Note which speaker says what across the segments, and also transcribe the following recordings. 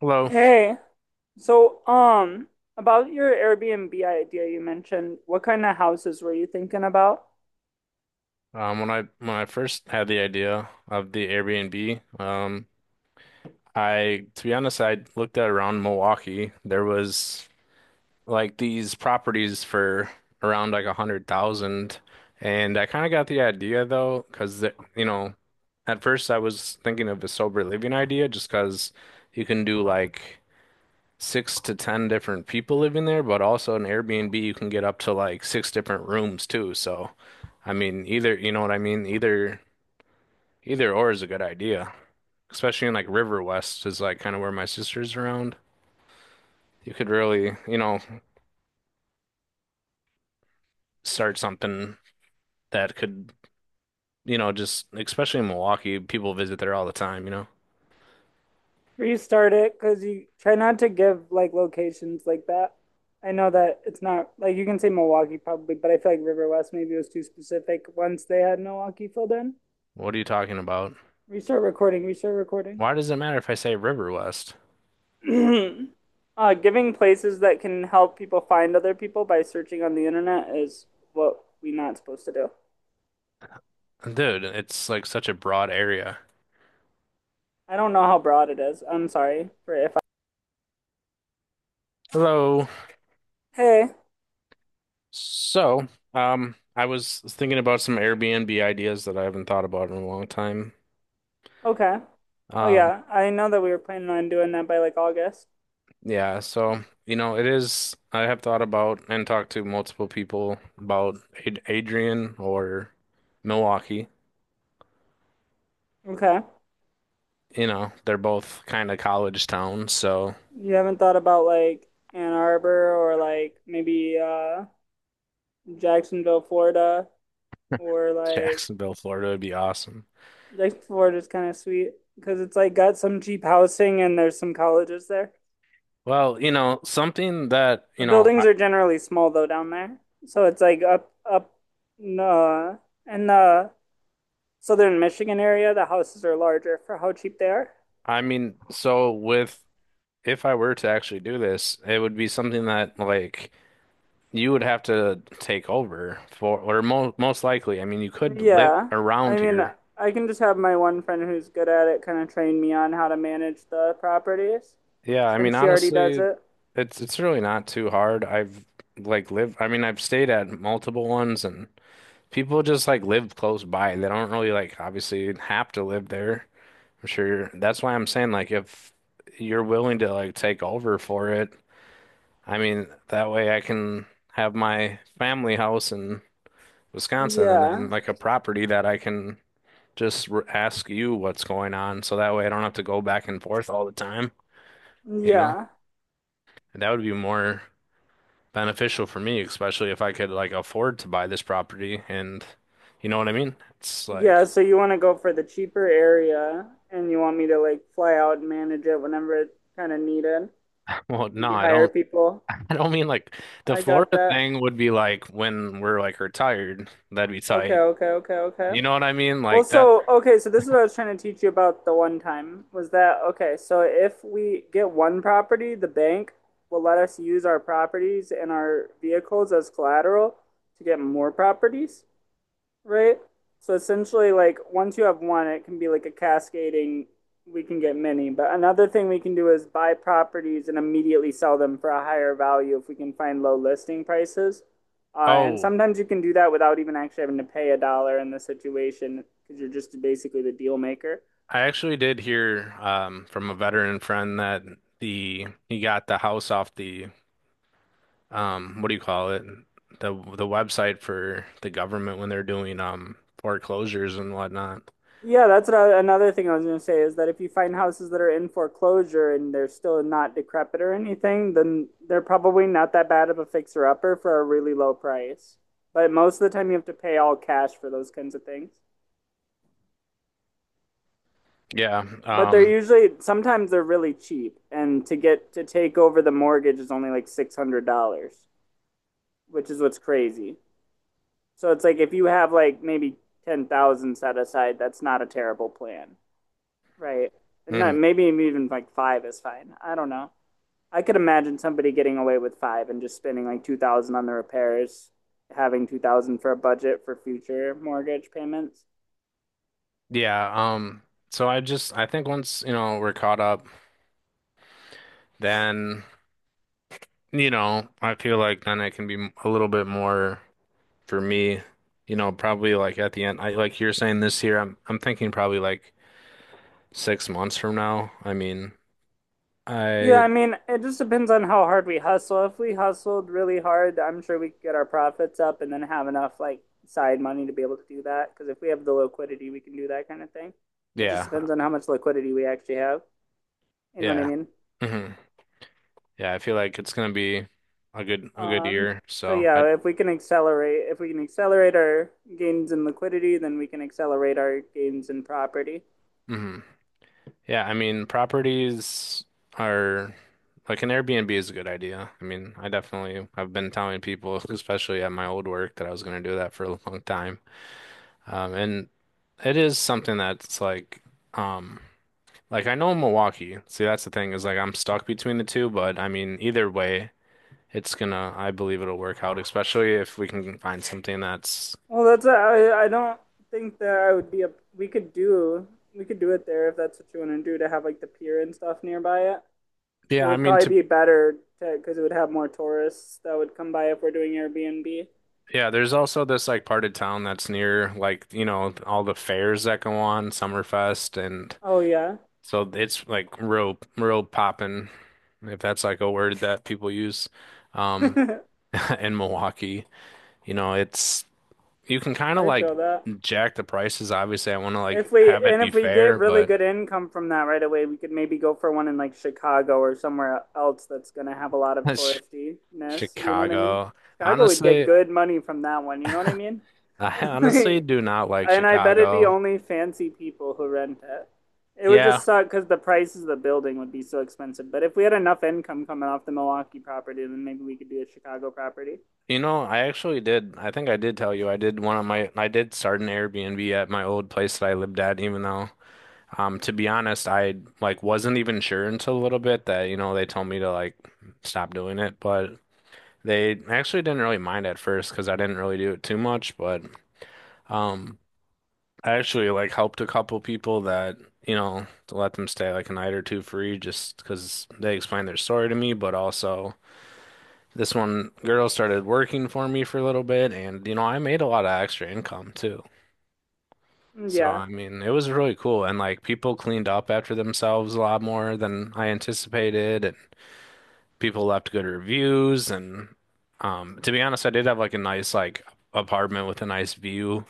Speaker 1: Hello.
Speaker 2: Hey, so um, about your Airbnb idea you mentioned, what kind of houses were you thinking about?
Speaker 1: When I first had the idea of the Airbnb, I to be honest, I looked at around Milwaukee. There was like these properties for around like 100,000, and I kind of got the idea though, because you know, at first I was thinking of a sober living idea, just because you can do like 6 to 10 different people living there, but also an Airbnb you can get up to like 6 different rooms too. So. I mean, either, you know what I mean? Either or is a good idea, especially in like River West is like kind of where my sister's around. You could really, start something that could, just especially in Milwaukee, people visit there all the time.
Speaker 2: Restart it because you try not to give like locations like that. I know that it's not like you can say Milwaukee probably, but I feel like River West maybe was too specific once they had Milwaukee filled in.
Speaker 1: What are you talking about?
Speaker 2: Restart recording, restart recording.
Speaker 1: Why does it matter if I say River West?
Speaker 2: Giving places that can help people find other people by searching on the internet is what we're not supposed to do.
Speaker 1: Dude, it's like such a broad area.
Speaker 2: I don't know how broad it is. I'm sorry for if I.
Speaker 1: Hello.
Speaker 2: Hey.
Speaker 1: So, I was thinking about some Airbnb ideas that I haven't thought about in a long time.
Speaker 2: Okay. Oh
Speaker 1: Um,
Speaker 2: yeah, I know that we were planning on doing that by like August.
Speaker 1: Yeah, so you know, it is. I have thought about and talked to multiple people about Ad Adrian or Milwaukee.
Speaker 2: Okay.
Speaker 1: You know, they're both kind of college towns, so
Speaker 2: You haven't thought about like Ann Arbor or like maybe Jacksonville, Florida, or like
Speaker 1: Jacksonville, Florida would be awesome.
Speaker 2: Jacksonville, Florida is kind of sweet because it's like got some cheap housing and there's some colleges there.
Speaker 1: Well, you know, something that,
Speaker 2: The
Speaker 1: you know,
Speaker 2: buildings are generally small though down there, so it's like up uh, in the southern Michigan area. The houses are larger for how cheap they are.
Speaker 1: I mean, so with if I were to actually do this, it would be something that like you would have to take over for, or mo most likely. I mean, you could live
Speaker 2: Yeah. I
Speaker 1: around
Speaker 2: mean,
Speaker 1: here.
Speaker 2: I can just have my one friend who's good at it kind of train me on how to manage the properties
Speaker 1: Yeah, I mean,
Speaker 2: since she already does
Speaker 1: honestly,
Speaker 2: it.
Speaker 1: it's really not too hard. I mean, I've stayed at multiple ones and people just like live close by. They don't really like obviously have to live there. I'm sure that's why I'm saying like if you're willing to like take over for it, I mean, that way I can have my family house in Wisconsin and then
Speaker 2: Yeah.
Speaker 1: like a property that I can just r ask you what's going on so that way I don't have to go back and forth all the time, you know?
Speaker 2: Yeah.
Speaker 1: And that would be more beneficial for me, especially if I could like afford to buy this property and you know what I mean? It's
Speaker 2: Yeah,
Speaker 1: like,
Speaker 2: so you want to go for the cheaper area and you want me to like fly out and manage it whenever it's kind of needed.
Speaker 1: well,
Speaker 2: Maybe hire people.
Speaker 1: I don't mean like the
Speaker 2: I got
Speaker 1: Florida
Speaker 2: that.
Speaker 1: thing would be like when we're like retired, that'd be
Speaker 2: Okay,
Speaker 1: tight.
Speaker 2: okay, okay, okay.
Speaker 1: You know what I mean?
Speaker 2: Well,
Speaker 1: Like that.
Speaker 2: so okay, so this is what I was trying to teach you about the one time was that okay, so if we get one property, the bank will let us use our properties and our vehicles as collateral to get more properties, right? So essentially, like once you have one, it can be like a cascading. We can get many, but another thing we can do is buy properties and immediately sell them for a higher value if we can find low listing prices. And
Speaker 1: Oh,
Speaker 2: sometimes you can do that without even actually having to pay a dollar in the situation because you're just basically the deal maker.
Speaker 1: I actually did hear from a veteran friend that the he got the house off the what do you call it? The website for the government when they're doing foreclosures and whatnot.
Speaker 2: Yeah, that's another thing I was going to say is that if you find houses that are in foreclosure and they're still not decrepit or anything, then they're probably not that bad of a fixer upper for a really low price. But most of the time, you have to pay all cash for those kinds of things.
Speaker 1: Yeah.
Speaker 2: But they're
Speaker 1: Um
Speaker 2: usually sometimes they're really cheap, and to get to take over the mortgage is only like $600, which is what's crazy. So it's like if you have like maybe 10,000 set aside, that's not a terrible plan. Right. Not,
Speaker 1: mhm.
Speaker 2: maybe even like five is fine. I don't know. I could imagine somebody getting away with five and just spending like 2,000 on the repairs, having 2,000 for a budget for future mortgage payments.
Speaker 1: Yeah, so I just I think once, you know, we're caught up, then, you know, I feel like then it can be a little bit more for me, you know, probably like at the end. I like you're saying this year, I'm thinking probably like 6 months from now. I mean,
Speaker 2: Yeah,
Speaker 1: I
Speaker 2: I mean, it just depends on how hard we hustle. If we hustled really hard, I'm sure we could get our profits up and then have enough like side money to be able to do that. Because if we have the liquidity, we can do that kind of thing. It just
Speaker 1: Yeah,
Speaker 2: depends on how much liquidity we actually have. You know what I
Speaker 1: yeah.
Speaker 2: mean?
Speaker 1: hmm Yeah, I feel like it's gonna be a good
Speaker 2: Um,
Speaker 1: year.
Speaker 2: so
Speaker 1: So
Speaker 2: yeah,
Speaker 1: I
Speaker 2: if we can accelerate our gains in liquidity, then we can accelerate our gains in property.
Speaker 1: mhm. Yeah, I mean, properties are like an Airbnb is a good idea. I mean, I definitely have been telling people, especially at my old work, that I was going to do that for a long time. And it is something that's um, like I know Milwaukee. See, that's the thing is like I'm stuck between the two, but I mean, either way, it's gonna, I believe it'll work out, especially if we can find something that's,
Speaker 2: Well, that's I don't think that I would be a we could do we could do it there if that's what you want to do to have like the pier and stuff nearby it.
Speaker 1: yeah,
Speaker 2: It
Speaker 1: I
Speaker 2: would
Speaker 1: mean,
Speaker 2: probably
Speaker 1: to
Speaker 2: be better because it would have more tourists that would come by if we're doing Airbnb.
Speaker 1: yeah, there's also this like part of town that's near like, you know, all the fairs that go on, Summerfest, and
Speaker 2: Oh yeah,
Speaker 1: so it's like real poppin', if that's like a word that people use,
Speaker 2: I
Speaker 1: um, in Milwaukee. You know, it's you can kind of like
Speaker 2: feel that.
Speaker 1: jack the prices. Obviously, I want to like
Speaker 2: If we
Speaker 1: have it
Speaker 2: and
Speaker 1: be
Speaker 2: if we get
Speaker 1: fair,
Speaker 2: really
Speaker 1: but
Speaker 2: good income from that right away, we could maybe go for one in like Chicago or somewhere else that's gonna have a lot of
Speaker 1: that's
Speaker 2: touristiness. You know what I mean?
Speaker 1: Chicago.
Speaker 2: Chicago would get
Speaker 1: Honestly,
Speaker 2: good money from that one. You know what I mean?
Speaker 1: I honestly do not like
Speaker 2: And I bet it'd be
Speaker 1: Chicago.
Speaker 2: only fancy people who rent it. It would
Speaker 1: Yeah,
Speaker 2: just suck because the prices of the building would be so expensive. But if we had enough income coming off the Milwaukee property, then maybe we could do a Chicago property.
Speaker 1: you know, I actually did. I think I did tell you I did start an Airbnb at my old place that I lived at, even though to be honest, I like wasn't even sure until a little bit that, you know, they told me to like stop doing it, but they actually didn't really mind at first because I didn't really do it too much, but um I actually like helped a couple people that, you know, to let them stay like a night or two free just because they explained their story to me, but also this one girl started working for me for a little bit, and you know, I made a lot of extra income too.
Speaker 2: Mm,
Speaker 1: So,
Speaker 2: yeah.
Speaker 1: I mean, it was really cool. And like people cleaned up after themselves a lot more than I anticipated, and people left good reviews. And to be honest, I did have like a nice like apartment with a nice view,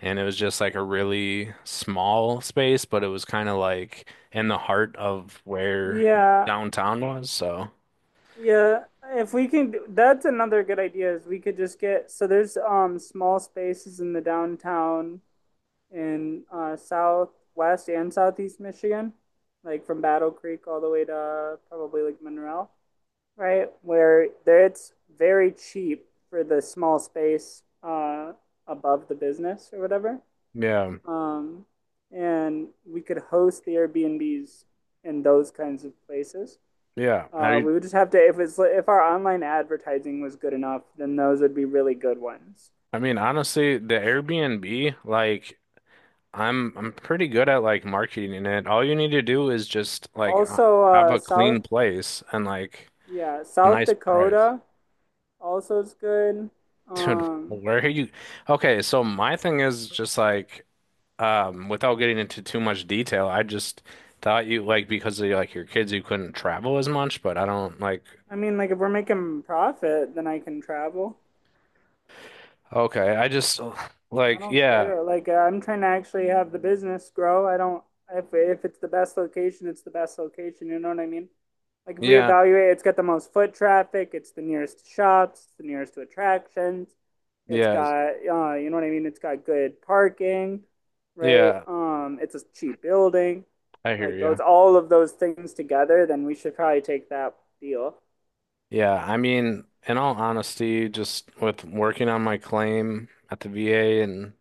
Speaker 1: and it was just like a really small space, but it was kind of like in the heart of where
Speaker 2: Yeah,
Speaker 1: downtown was. So,
Speaker 2: yeah, if we can, do- that's another good idea is we could just get, so there's small spaces in the downtown in southwest and southeast Michigan, like from Battle Creek all the way to probably like Monroe, right? Where there it's very cheap for the small space above the business or whatever.
Speaker 1: yeah,
Speaker 2: Um and we could host the Airbnbs in those kinds of places.
Speaker 1: yeah. Have you
Speaker 2: We would just have to if it's if our online advertising was good enough, then those would be really good ones.
Speaker 1: I mean, honestly, the Airbnb, like I'm pretty good at like marketing it. All you need to do is just like
Speaker 2: Also,
Speaker 1: have a clean place and like a
Speaker 2: South
Speaker 1: nice price.
Speaker 2: Dakota also is good.
Speaker 1: Dude,
Speaker 2: Um,
Speaker 1: where are you? Okay, so my thing is just like without getting into too much detail, I just thought you like because of like your kids you couldn't travel as much, but I don't like
Speaker 2: I mean, like if we're making profit, then I can travel.
Speaker 1: okay, I just
Speaker 2: I
Speaker 1: like
Speaker 2: don't
Speaker 1: yeah,
Speaker 2: care. I'm trying to actually have the business grow. I don't if it's the best location, it's the best location. You know what I mean? Like if we
Speaker 1: yeah,
Speaker 2: evaluate, it's got the most foot traffic. It's the nearest to shops. It's the nearest to attractions. It's
Speaker 1: yeah,
Speaker 2: got you know what I mean? It's got good parking, right?
Speaker 1: yeah,
Speaker 2: It's a cheap building.
Speaker 1: I hear
Speaker 2: Like
Speaker 1: you.
Speaker 2: those, all of those things together, then we should probably take that deal.
Speaker 1: Yeah, I mean, in all honesty, just with working on my claim at the VA and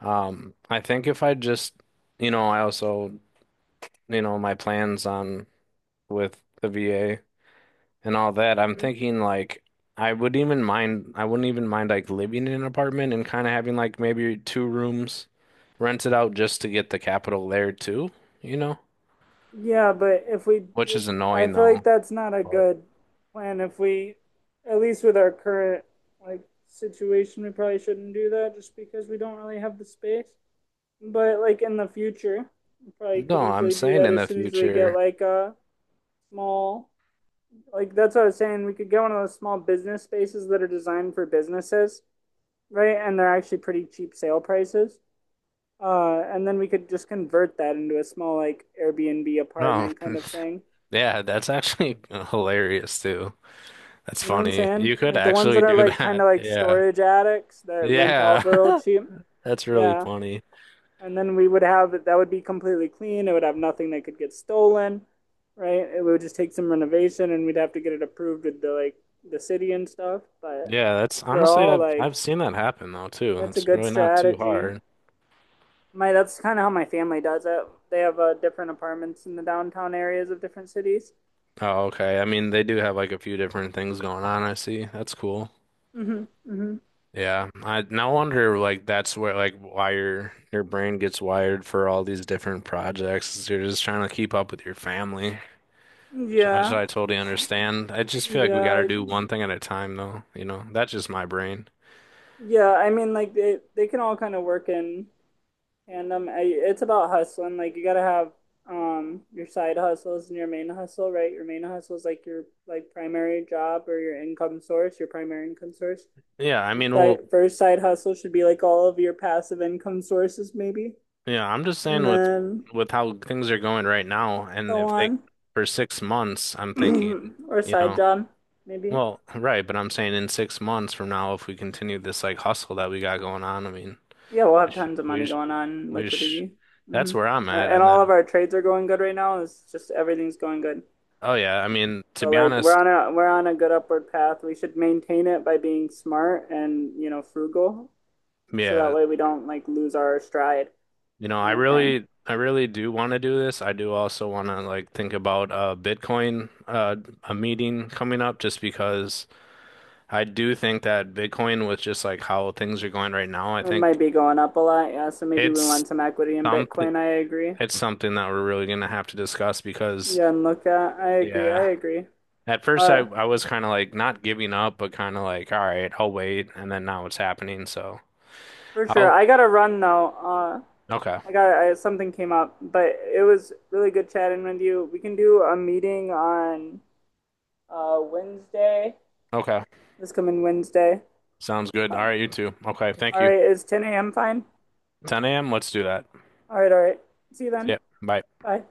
Speaker 1: I think if I just, you know, I also, you know, my plans on with the VA and all that, I'm thinking like I wouldn't even mind like living in an apartment and kind of having like maybe two rooms rented out just to get the capital there too, you know,
Speaker 2: Yeah, but if we
Speaker 1: which
Speaker 2: did,
Speaker 1: is
Speaker 2: I
Speaker 1: annoying
Speaker 2: feel
Speaker 1: though.
Speaker 2: like that's not a
Speaker 1: But
Speaker 2: good plan. If we, at least with our current like situation, we probably shouldn't do that just because we don't really have the space. But like in the future, we probably
Speaker 1: no,
Speaker 2: could
Speaker 1: I'm
Speaker 2: easily do
Speaker 1: saying
Speaker 2: that
Speaker 1: in
Speaker 2: as
Speaker 1: the
Speaker 2: soon as we
Speaker 1: future.
Speaker 2: get like a small, like that's what I was saying. We could get one of those small business spaces that are designed for businesses, right? And they're actually pretty cheap sale prices. And then we could just convert that into a small like Airbnb
Speaker 1: No.
Speaker 2: apartment kind of thing.
Speaker 1: Yeah, that's actually hilarious too. That's
Speaker 2: You know what I'm
Speaker 1: funny.
Speaker 2: saying?
Speaker 1: You could
Speaker 2: Like the ones
Speaker 1: actually
Speaker 2: that are
Speaker 1: do
Speaker 2: like kind
Speaker 1: that.
Speaker 2: of like
Speaker 1: Yeah.
Speaker 2: storage attics that rent out
Speaker 1: Yeah.
Speaker 2: for real cheap.
Speaker 1: That's really
Speaker 2: Yeah.
Speaker 1: funny.
Speaker 2: And then we would have it, that would be completely clean. It would have nothing that could get stolen, right? It would just take some renovation and we'd have to get it approved with the like the city and stuff. But
Speaker 1: Yeah, that's honestly
Speaker 2: overall,
Speaker 1: I've
Speaker 2: like
Speaker 1: I've seen that happen though too.
Speaker 2: that's a
Speaker 1: It's
Speaker 2: good
Speaker 1: really not too
Speaker 2: strategy.
Speaker 1: hard.
Speaker 2: My That's kind of how my family does it. They have different apartments in the downtown areas of different cities.
Speaker 1: Oh, okay. I mean, they do have like a few different things going on, I see. That's cool.
Speaker 2: Mm-hmm. Mm-hmm.
Speaker 1: Yeah. I no wonder like that's where like wire your brain gets wired for all these different projects. Is You're just trying to keep up with your family. Which
Speaker 2: Yeah.
Speaker 1: I totally understand. I just feel like we
Speaker 2: Yeah,
Speaker 1: gotta
Speaker 2: I,
Speaker 1: do one thing at a time, though. You know, that's just my brain.
Speaker 2: Yeah, I mean, like they can all kind of work in tandem. It's about hustling. Like you gotta have your side hustles and your main hustle, right? Your main hustle is like your like primary job or your income source, your primary income source.
Speaker 1: Yeah, I
Speaker 2: Your
Speaker 1: mean,
Speaker 2: side,
Speaker 1: well,
Speaker 2: first side hustle should be like all of your passive income sources, maybe,
Speaker 1: yeah, I'm just saying
Speaker 2: and then
Speaker 1: with how things are going right now, and
Speaker 2: so
Speaker 1: if they
Speaker 2: on,
Speaker 1: for 6 months, I'm thinking,
Speaker 2: or
Speaker 1: you
Speaker 2: side
Speaker 1: know,
Speaker 2: job, maybe.
Speaker 1: well, right, but I'm saying in 6 months from now, if we continue this like hustle that we got going on, I mean,
Speaker 2: Yeah, we'll
Speaker 1: we
Speaker 2: have
Speaker 1: should,
Speaker 2: tons of
Speaker 1: we
Speaker 2: money
Speaker 1: should,
Speaker 2: going on
Speaker 1: we should,
Speaker 2: liquidity. Mm-hmm.
Speaker 1: that's where I'm at.
Speaker 2: And
Speaker 1: And
Speaker 2: all of
Speaker 1: then,
Speaker 2: our trades are going good right now. It's just everything's going good.
Speaker 1: oh yeah, I mean, to
Speaker 2: So
Speaker 1: be
Speaker 2: like
Speaker 1: honest,
Speaker 2: we're on a good upward path. We should maintain it by being smart and you know frugal, so that
Speaker 1: yeah,
Speaker 2: way we don't like lose our stride
Speaker 1: you know,
Speaker 2: kind of thing.
Speaker 1: I really do want to do this. I do also want to like think about Bitcoin a meeting coming up just because I do think that Bitcoin with just like how things are going right now, I
Speaker 2: It
Speaker 1: think
Speaker 2: might be going up a lot, yeah. So maybe we
Speaker 1: it's
Speaker 2: want some equity in
Speaker 1: something
Speaker 2: Bitcoin. I agree.
Speaker 1: it's something that we're really going to have to discuss because
Speaker 2: Yeah, and look at I agree. I
Speaker 1: yeah,
Speaker 2: agree.
Speaker 1: at first I
Speaker 2: Uh,
Speaker 1: I was kind of like not giving up but kind of like all right, I'll wait and then now it's happening. So,
Speaker 2: for sure.
Speaker 1: oh,
Speaker 2: I gotta run though.
Speaker 1: okay.
Speaker 2: Something came up, but it was really good chatting with you. We can do a meeting on Wednesday.
Speaker 1: Okay.
Speaker 2: This coming Wednesday.
Speaker 1: Sounds good. All
Speaker 2: Uh,
Speaker 1: right, you too. Okay, thank
Speaker 2: all
Speaker 1: you.
Speaker 2: right, is 10 a.m. fine?
Speaker 1: 10 a.m. Let's do that.
Speaker 2: All right, all right. See you then.
Speaker 1: Yeah. Bye.
Speaker 2: Bye.